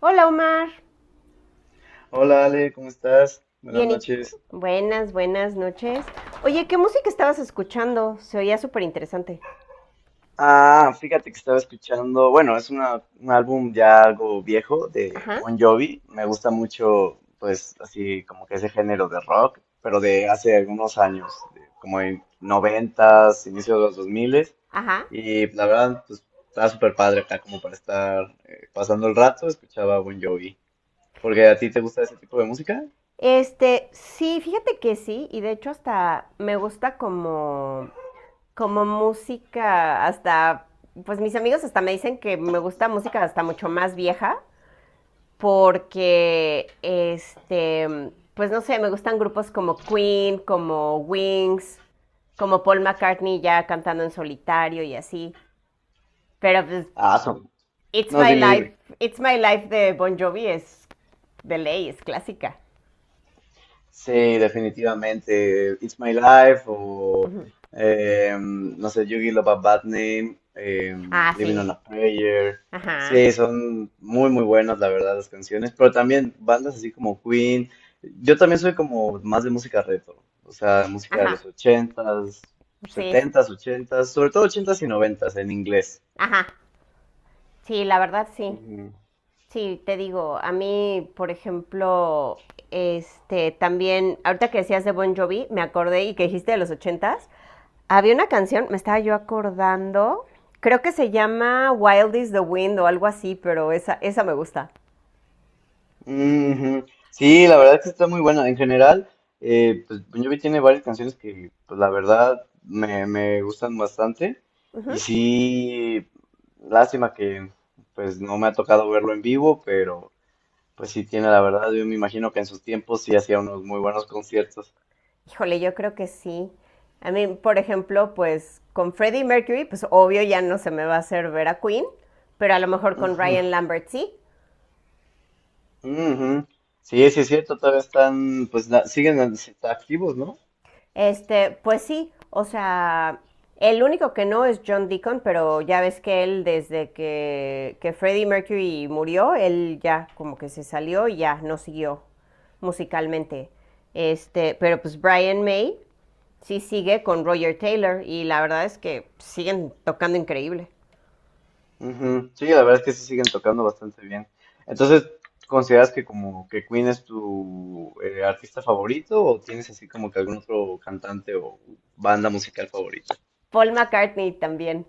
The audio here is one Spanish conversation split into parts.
Hola Omar, Hola Ale, ¿cómo estás? Buenas bien y tú. noches. Buenas, buenas noches. Oye, ¿qué música estabas escuchando? Se oía súper interesante. Ah, fíjate que estaba escuchando, bueno, es un álbum ya algo viejo de Ajá, Bon Jovi, me gusta mucho, pues, así como que ese género de rock, pero de hace algunos años, de como en noventas, inicio de los dos miles, ajá. y la verdad, pues, estaba súper padre acá como para estar pasando el rato, escuchaba Bon Jovi, porque a ti te gusta ese tipo de música. Sí, fíjate que sí, y de hecho hasta me gusta como, como música, hasta, pues mis amigos hasta me dicen que me gusta música hasta mucho más vieja, porque, pues no sé, me gustan grupos como Queen, como Wings, como Paul McCartney ya cantando en solitario y así. Pero pues, Ah, son. It's No, My dime, dime. Life, It's My Life de Bon Jovi es de ley, es clásica. Sí, definitivamente. It's My Life o, Ujú. No sé, Yugi Love a Bad Name, Ah, Living sí. on a Prayer. Ajá. Sí, son muy, muy buenas, la verdad, las canciones. Pero también bandas así como Queen. Yo también soy como más de música retro. O sea, música de Ajá. los ochentas, Sí, es- setentas, ochentas, sobre todo ochentas y noventas en inglés. ajá. Sí, la verdad sí. Sí, te digo, a mí, por ejemplo, también, ahorita que decías de Bon Jovi, me acordé y que dijiste de los ochentas, había una canción, me estaba yo acordando, creo que se llama Wild is the Wind o algo así, pero esa me gusta. Ujú. Sí, la verdad es que está muy buena. En general, pues Bon Jovi tiene varias canciones que, pues la verdad, me gustan bastante. Y sí, lástima que, pues no me ha tocado verlo en vivo, pero pues sí tiene, la verdad, yo me imagino que en sus tiempos sí hacía unos muy buenos conciertos. Híjole, yo creo que sí. A mí, por ejemplo, pues con Freddie Mercury, pues obvio ya no se me va a hacer ver a Queen, pero a lo mejor con Ujú, Ryan Lambert sí. ujú. Sí, sí es cierto, todavía están, pues siguen activos, ¿no? Pues sí, o sea, el único que no es John Deacon, pero ya ves que él desde que Freddie Mercury murió, él ya como que se salió y ya no siguió musicalmente. Este, pero pues Brian May sí sigue con Roger Taylor y la verdad es que siguen tocando increíble. Ujú. Sí, la verdad es que sí siguen tocando bastante bien. Entonces, ¿consideras que como que Queen es tu artista favorito o tienes así como que algún otro cantante o banda musical favorita? Paul McCartney también.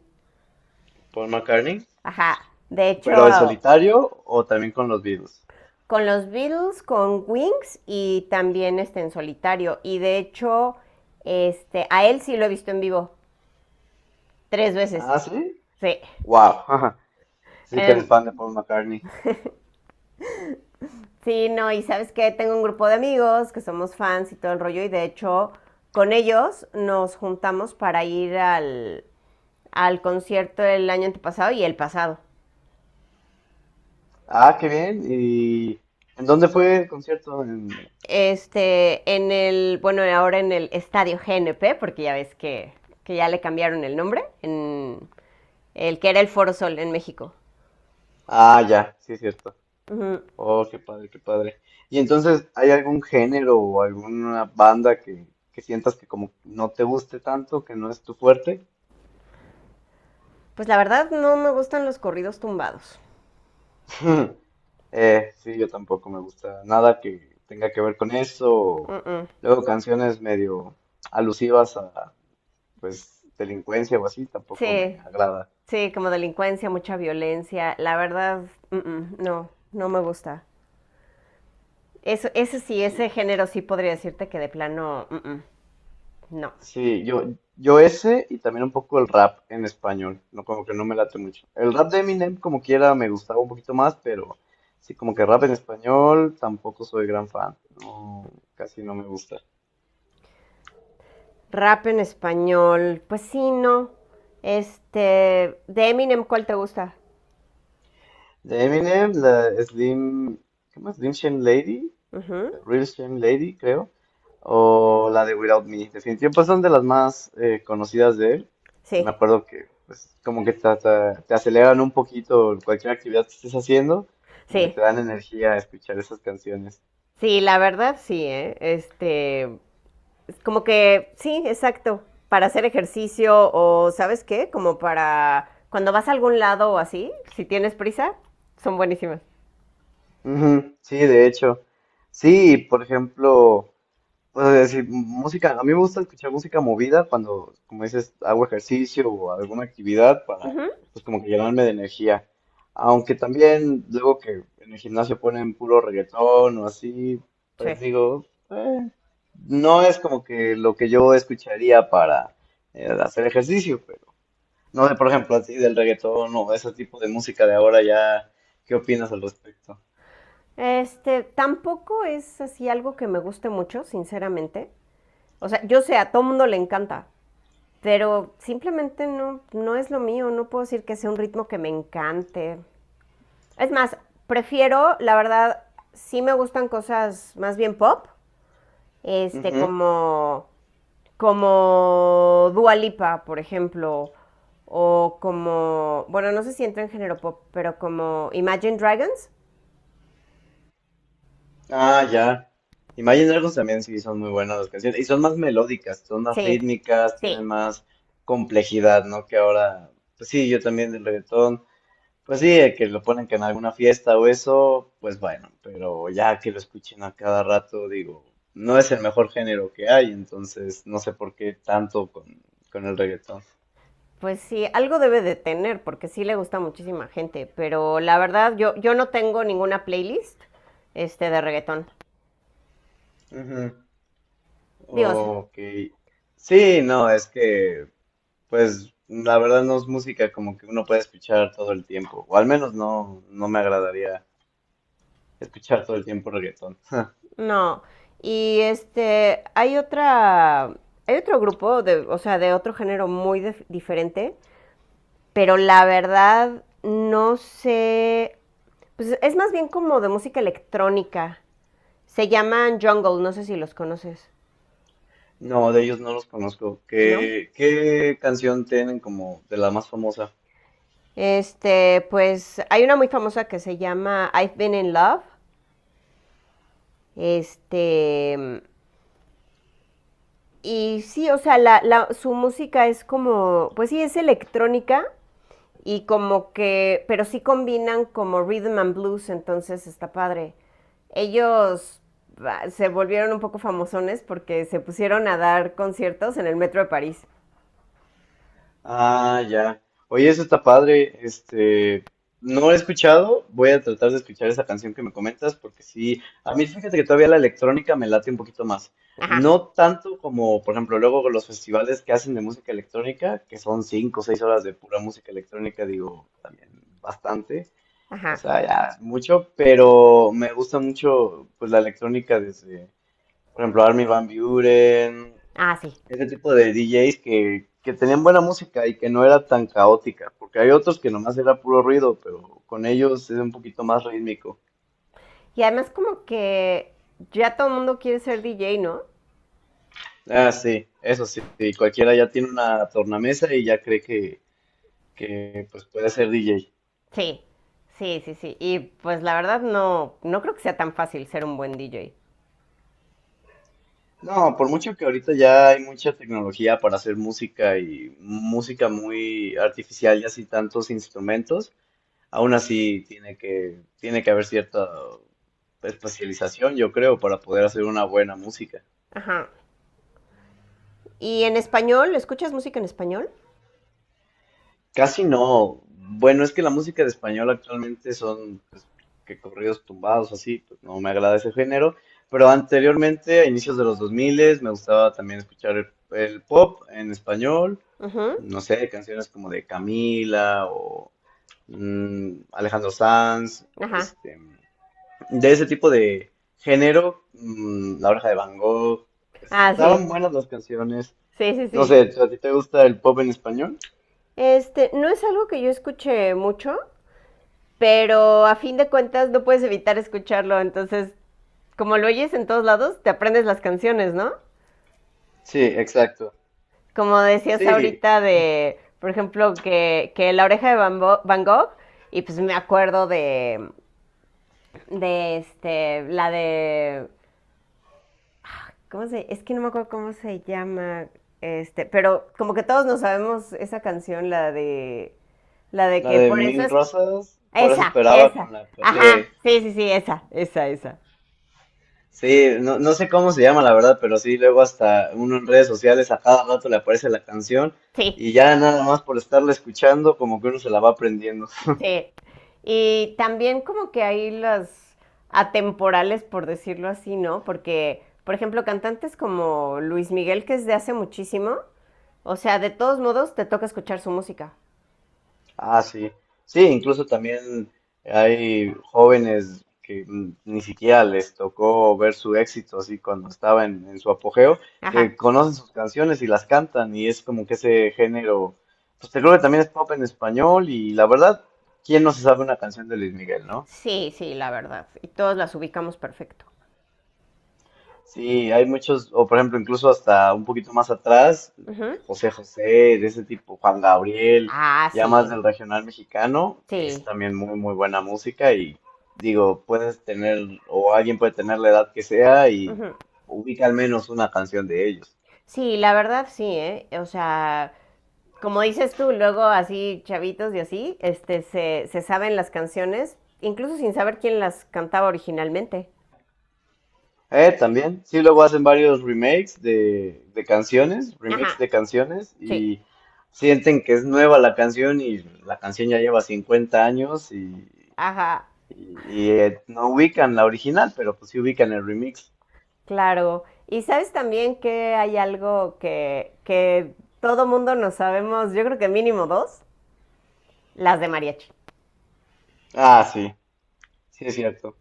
Paul McCartney, Ajá. De ¿pero en hecho, solitario o también con los Beatles? con los Beatles, con Wings y también en solitario. Y de hecho, a él sí lo he visto en vivo tres veces. Ah, sí. Sí. Wow. Sí que eres Em, fan de Paul McCartney. sí, no, y sabes que tengo un grupo de amigos que somos fans y todo el rollo, y de hecho, con ellos nos juntamos para ir al concierto el año antepasado y el pasado. Ah, ¿qué bien y en dónde fue el concierto? Bueno, ahora en el Estadio GNP, porque ya ves que ya le cambiaron el nombre, en el que era el Foro Sol en México. Ah, ya, sí es cierto. Ujú. Oh, qué padre, qué padre. Y entonces, ¿hay algún género o alguna banda que sientas que como no te guste tanto, que no es tu fuerte? Pues la verdad no me gustan los corridos tumbados. Sí, yo tampoco me gusta nada que tenga que ver con eso. Mm-mm. Luego canciones medio alusivas a, pues, delincuencia o así, tampoco me Sí, agrada. sí, como delincuencia, mucha violencia. La verdad, mm-mm, no, no me gusta. Eso, ese sí, ese género sí podría decirte que de plano, mm-mm, no. Sí, yo ese y también un poco el rap en español, no, como que no me late mucho. El rap de Eminem como quiera me gustaba un poquito más, pero sí como que rap en español tampoco soy gran fan, no, casi no me gusta. Rap en español, pues sí, no. De Eminem, ¿cuál te gusta? De Eminem, la Slim, ¿qué más? Slim Shady Lady, Ujú. Real Shame Lady, creo, o la de Without Me. Definitivamente pues, son de las más conocidas de él. Me Sí, acuerdo que pues, como que te aceleran un poquito cualquier actividad que estés haciendo, como que sí, te dan energía a escuchar esas canciones. sí, la verdad sí, ¿eh? Es como que, sí, exacto, para hacer ejercicio o, ¿sabes qué? Como para cuando vas a algún lado o así, si tienes prisa, son buenísimas. Ujú, sí, de hecho. Sí, por ejemplo, pues decir, música, a mí me gusta escuchar música movida cuando, como dices, hago ejercicio o alguna actividad para, Ujú, pues como que llenarme de energía. Aunque también luego que en el gimnasio ponen puro reggaetón o así, pues sí. digo, "Eh, no es como que lo que yo escucharía para hacer ejercicio, pero no sé, por ejemplo, así del reggaetón o ese tipo de música de ahora ya, ¿qué opinas al respecto?" Tampoco es así algo que me guste mucho, sinceramente. O sea, yo sé, a todo mundo le encanta, pero simplemente no, no es lo mío, no puedo decir que sea un ritmo que me encante. Es más, prefiero, la verdad, sí me gustan cosas más bien pop, como, como Dua Lipa, por ejemplo, o como, bueno, no sé si entra en género pop, pero como Imagine Dragons. Ah, ya. Imagine Dragons también sí son muy buenas las canciones. Y son más melódicas, son más Sí, rítmicas, sí. tienen más complejidad, ¿no? Que ahora, pues sí, yo también del reggaetón. Pues sí, que lo ponen que en alguna fiesta o eso, pues bueno, pero ya que lo escuchen a cada rato, digo, no es el mejor género que hay, entonces no sé por qué tanto con el reggaetón. Pues sí, algo debe de tener, porque sí le gusta a muchísima gente, pero la verdad, yo no tengo ninguna playlist, de reggaetón. Ujú. Dios, Ok. Sí, no, es que pues la verdad no es música como que uno puede escuchar todo el tiempo, o al menos no me agradaría escuchar todo el tiempo reggaetón. no, y hay otra, hay otro grupo de, o sea, de otro género muy diferente, pero la verdad no sé, pues es más bien como de música electrónica. Se llaman Jungle, no sé si los conoces, No, de ellos no los conozco. ¿no? ¿Qué canción tienen como de la más famosa? Pues hay una muy famosa que se llama I've Been in Love. Este, y sí, o sea, su música es como, pues sí, es electrónica, y como que, pero sí combinan como rhythm and blues, entonces está padre. Ellos se volvieron un poco famosones porque se pusieron a dar conciertos en el metro de París. Ah, ya. Oye, eso está padre. No he escuchado. Voy a tratar de escuchar esa canción que me comentas, porque sí, a mí fíjate que todavía la electrónica me late un poquito más. Ajá, No tanto como, por ejemplo, luego los festivales que hacen de música electrónica, que son 5 o 6 horas de pura música electrónica, digo, también bastante. O ajá. sea, ya es mucho, pero me gusta mucho, pues, la electrónica desde, por ejemplo, Armin van Buuren, Ah, sí. ese tipo de DJs que tenían buena música y que no era tan caótica, porque hay otros que nomás era puro ruido, pero con ellos es un poquito más rítmico. Y además como que ya todo el mundo quiere ser DJ, ¿no? Ah, sí, eso sí, sí, cualquiera ya tiene una tornamesa y ya cree que pues puede ser DJ. Sí, sí, sí, sí. Y pues la verdad no, no creo que sea tan fácil ser un buen DJ. No, por mucho que ahorita ya hay mucha tecnología para hacer música y música muy artificial y así tantos instrumentos, aún así tiene que haber cierta especialización, yo creo, para poder hacer una buena música. Ajá. ¿Y en español? ¿Escuchas música en español? Casi no. Bueno, es que la música de español actualmente son pues, que corridos tumbados, así, pues no me agrada ese género. Pero anteriormente, a inicios de los 2000, me gustaba también escuchar el pop en español. Ujú, No sé, canciones como de Camila o Alejandro Sanz, ajá. De ese tipo de género, La Oreja de Van Gogh. Pues, Ah, sí. estaban buenas las canciones. Sí, sí, No sí. sé, ¿a ti te gusta el pop en español? No es algo que yo escuche mucho, pero a fin de cuentas no puedes evitar escucharlo, entonces, como lo oyes en todos lados, te aprendes las canciones, ¿no? Sí, exacto. Como decías Sí, ahorita de, por ejemplo, que La oreja de Van, Van Gogh, y pues me acuerdo de la de, ¿cómo se? Es que no me acuerdo cómo se llama, pero como que todos nos sabemos esa canción, la de... La de la que de por Mil esas Rosas, por eso esa, esperaba esa. con la... Sí, Ajá, sí, sí, sí, esa, esa, esa. sí, no, no sé cómo se llama la verdad, pero sí, luego hasta uno en redes sociales a cada rato le aparece la canción Sí, y ya nada más por estarla escuchando como que uno se la va aprendiendo. sí. Y también como que hay las atemporales, por decirlo así, ¿no? Porque, por ejemplo, cantantes como Luis Miguel, que es de hace muchísimo, o sea, de todos modos te toca escuchar su música. Ah, sí. Sí, incluso también hay jóvenes que ni siquiera les tocó ver su éxito así cuando estaba en su apogeo, Ajá. que conocen sus canciones y las cantan y es como que ese género, pues te creo que también es pop en español y la verdad, ¿quién no se sabe una canción de Luis Miguel, no? Sí, sí, la verdad. Y todos las ubicamos perfecto. Sí, hay muchos, o por ejemplo, incluso hasta un poquito más atrás, Ujú. José José, de ese tipo, Juan Gabriel, Ah, ya más sí, del regional mexicano, es sí. también muy, muy buena música y digo, puedes tener, o alguien puede tener la edad que sea y Ujú. ubica al menos una canción de ellos. Sí, la verdad sí, ¿eh? O sea, como dices tú, luego así chavitos y así, se saben las canciones, incluso sin saber quién las cantaba originalmente. También, sí, luego hacen varios remakes de canciones, Ajá, remix de canciones sí, y sienten que es nueva la canción y la canción ya lleva 50 años y ajá, no ubican la original, pero pues sí ubican el remix. claro. Y sabes también que hay algo que todo mundo nos sabemos, yo creo que mínimo dos, las de mariachi, Ah, sí, sí es cierto.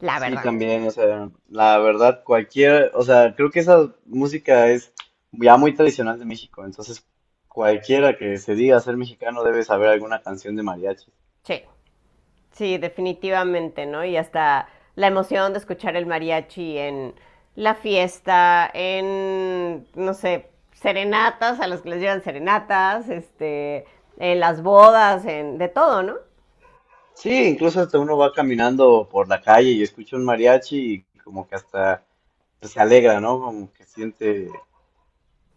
la Sí, verdad, también, o sea, la verdad, o sea, creo que esa música es ya muy tradicional de México, entonces cualquiera que se diga ser mexicano debe saber alguna canción de mariachi. sí. Sí, definitivamente, ¿no? Y hasta la emoción de escuchar el mariachi en la fiesta, en, no sé, serenatas, a los que les llevan serenatas, en las bodas, en, de todo, ¿no? Sí, incluso hasta uno va caminando por la calle y escucha un mariachi y como que hasta pues, se alegra, ¿no? Como que siente,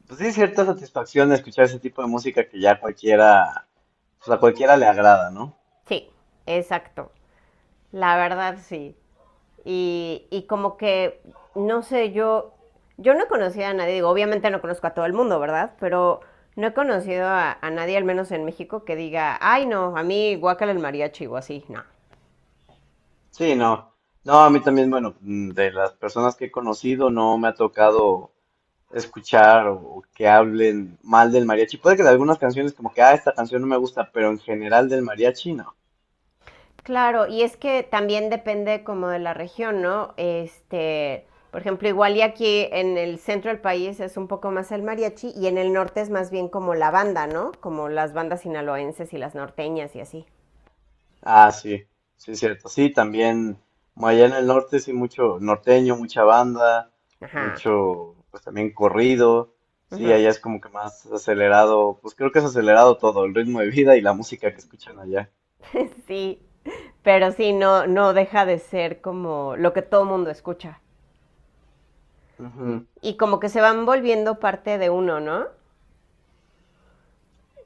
pues sí, cierta satisfacción de escuchar ese tipo de música que ya cualquiera, pues a cualquiera le agrada, ¿no? Sí, exacto. La verdad, sí. Y como que, no sé, yo no he conocido a nadie, digo, obviamente no conozco a todo el mundo, ¿verdad? Pero no he conocido a nadie, al menos en México, que diga, ay, no, a mí guácala el mariachi o así, no. Sí, no. No, a mí también, bueno, de las personas que he conocido no me ha tocado escuchar o, que hablen mal del mariachi. Puede que de algunas canciones como que, ah, esta canción no me gusta, pero en general del mariachi no. Claro, y es que también depende como de la región, ¿no? Por ejemplo, igual y aquí en el centro del país es un poco más el mariachi y en el norte es más bien como la banda, ¿no? Como las bandas sinaloenses y las norteñas y así. Ah, sí, sí, es cierto. Sí, también como allá en el norte, sí, mucho norteño, mucha banda, Ajá. mucho, pues también corrido. Sí, Ujú. allá es como que más acelerado, pues creo que es acelerado todo, el ritmo de vida y la música que escuchan allá. Sí, pero sí, no, no deja de ser como lo que todo mundo escucha. Ujú. Y como que se van volviendo parte de uno, ¿no?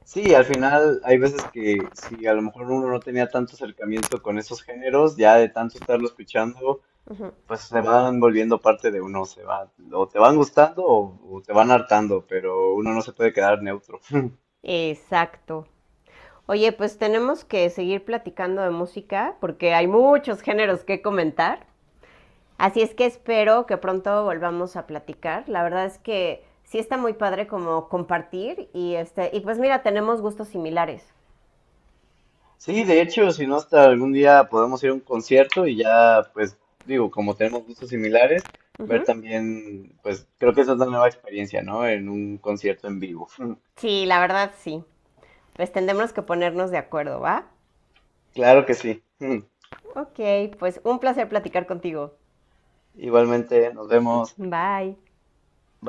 Sí, al final hay veces que si a lo mejor uno no tenía tanto acercamiento con esos géneros, ya de tanto estarlo escuchando, Ujú. pues se van volviendo parte de uno, se va, o te van gustando o, te van hartando, pero uno no se puede quedar neutro. Exacto. Oye, pues tenemos que seguir platicando de música porque hay muchos géneros que comentar. Así es que espero que pronto volvamos a platicar. La verdad es que sí está muy padre como compartir y y pues mira, tenemos gustos similares. Sí, de hecho, si no, hasta algún día podemos ir a un concierto y ya, pues, digo, como tenemos gustos similares, ver Ujú. también, pues, creo que esa es una nueva experiencia, ¿no? En un concierto en vivo. Sí, la verdad sí. Pues tendremos que ponernos de acuerdo, ¿va? Claro que sí. Ok, pues un placer platicar contigo. Igualmente, nos vemos. Bye.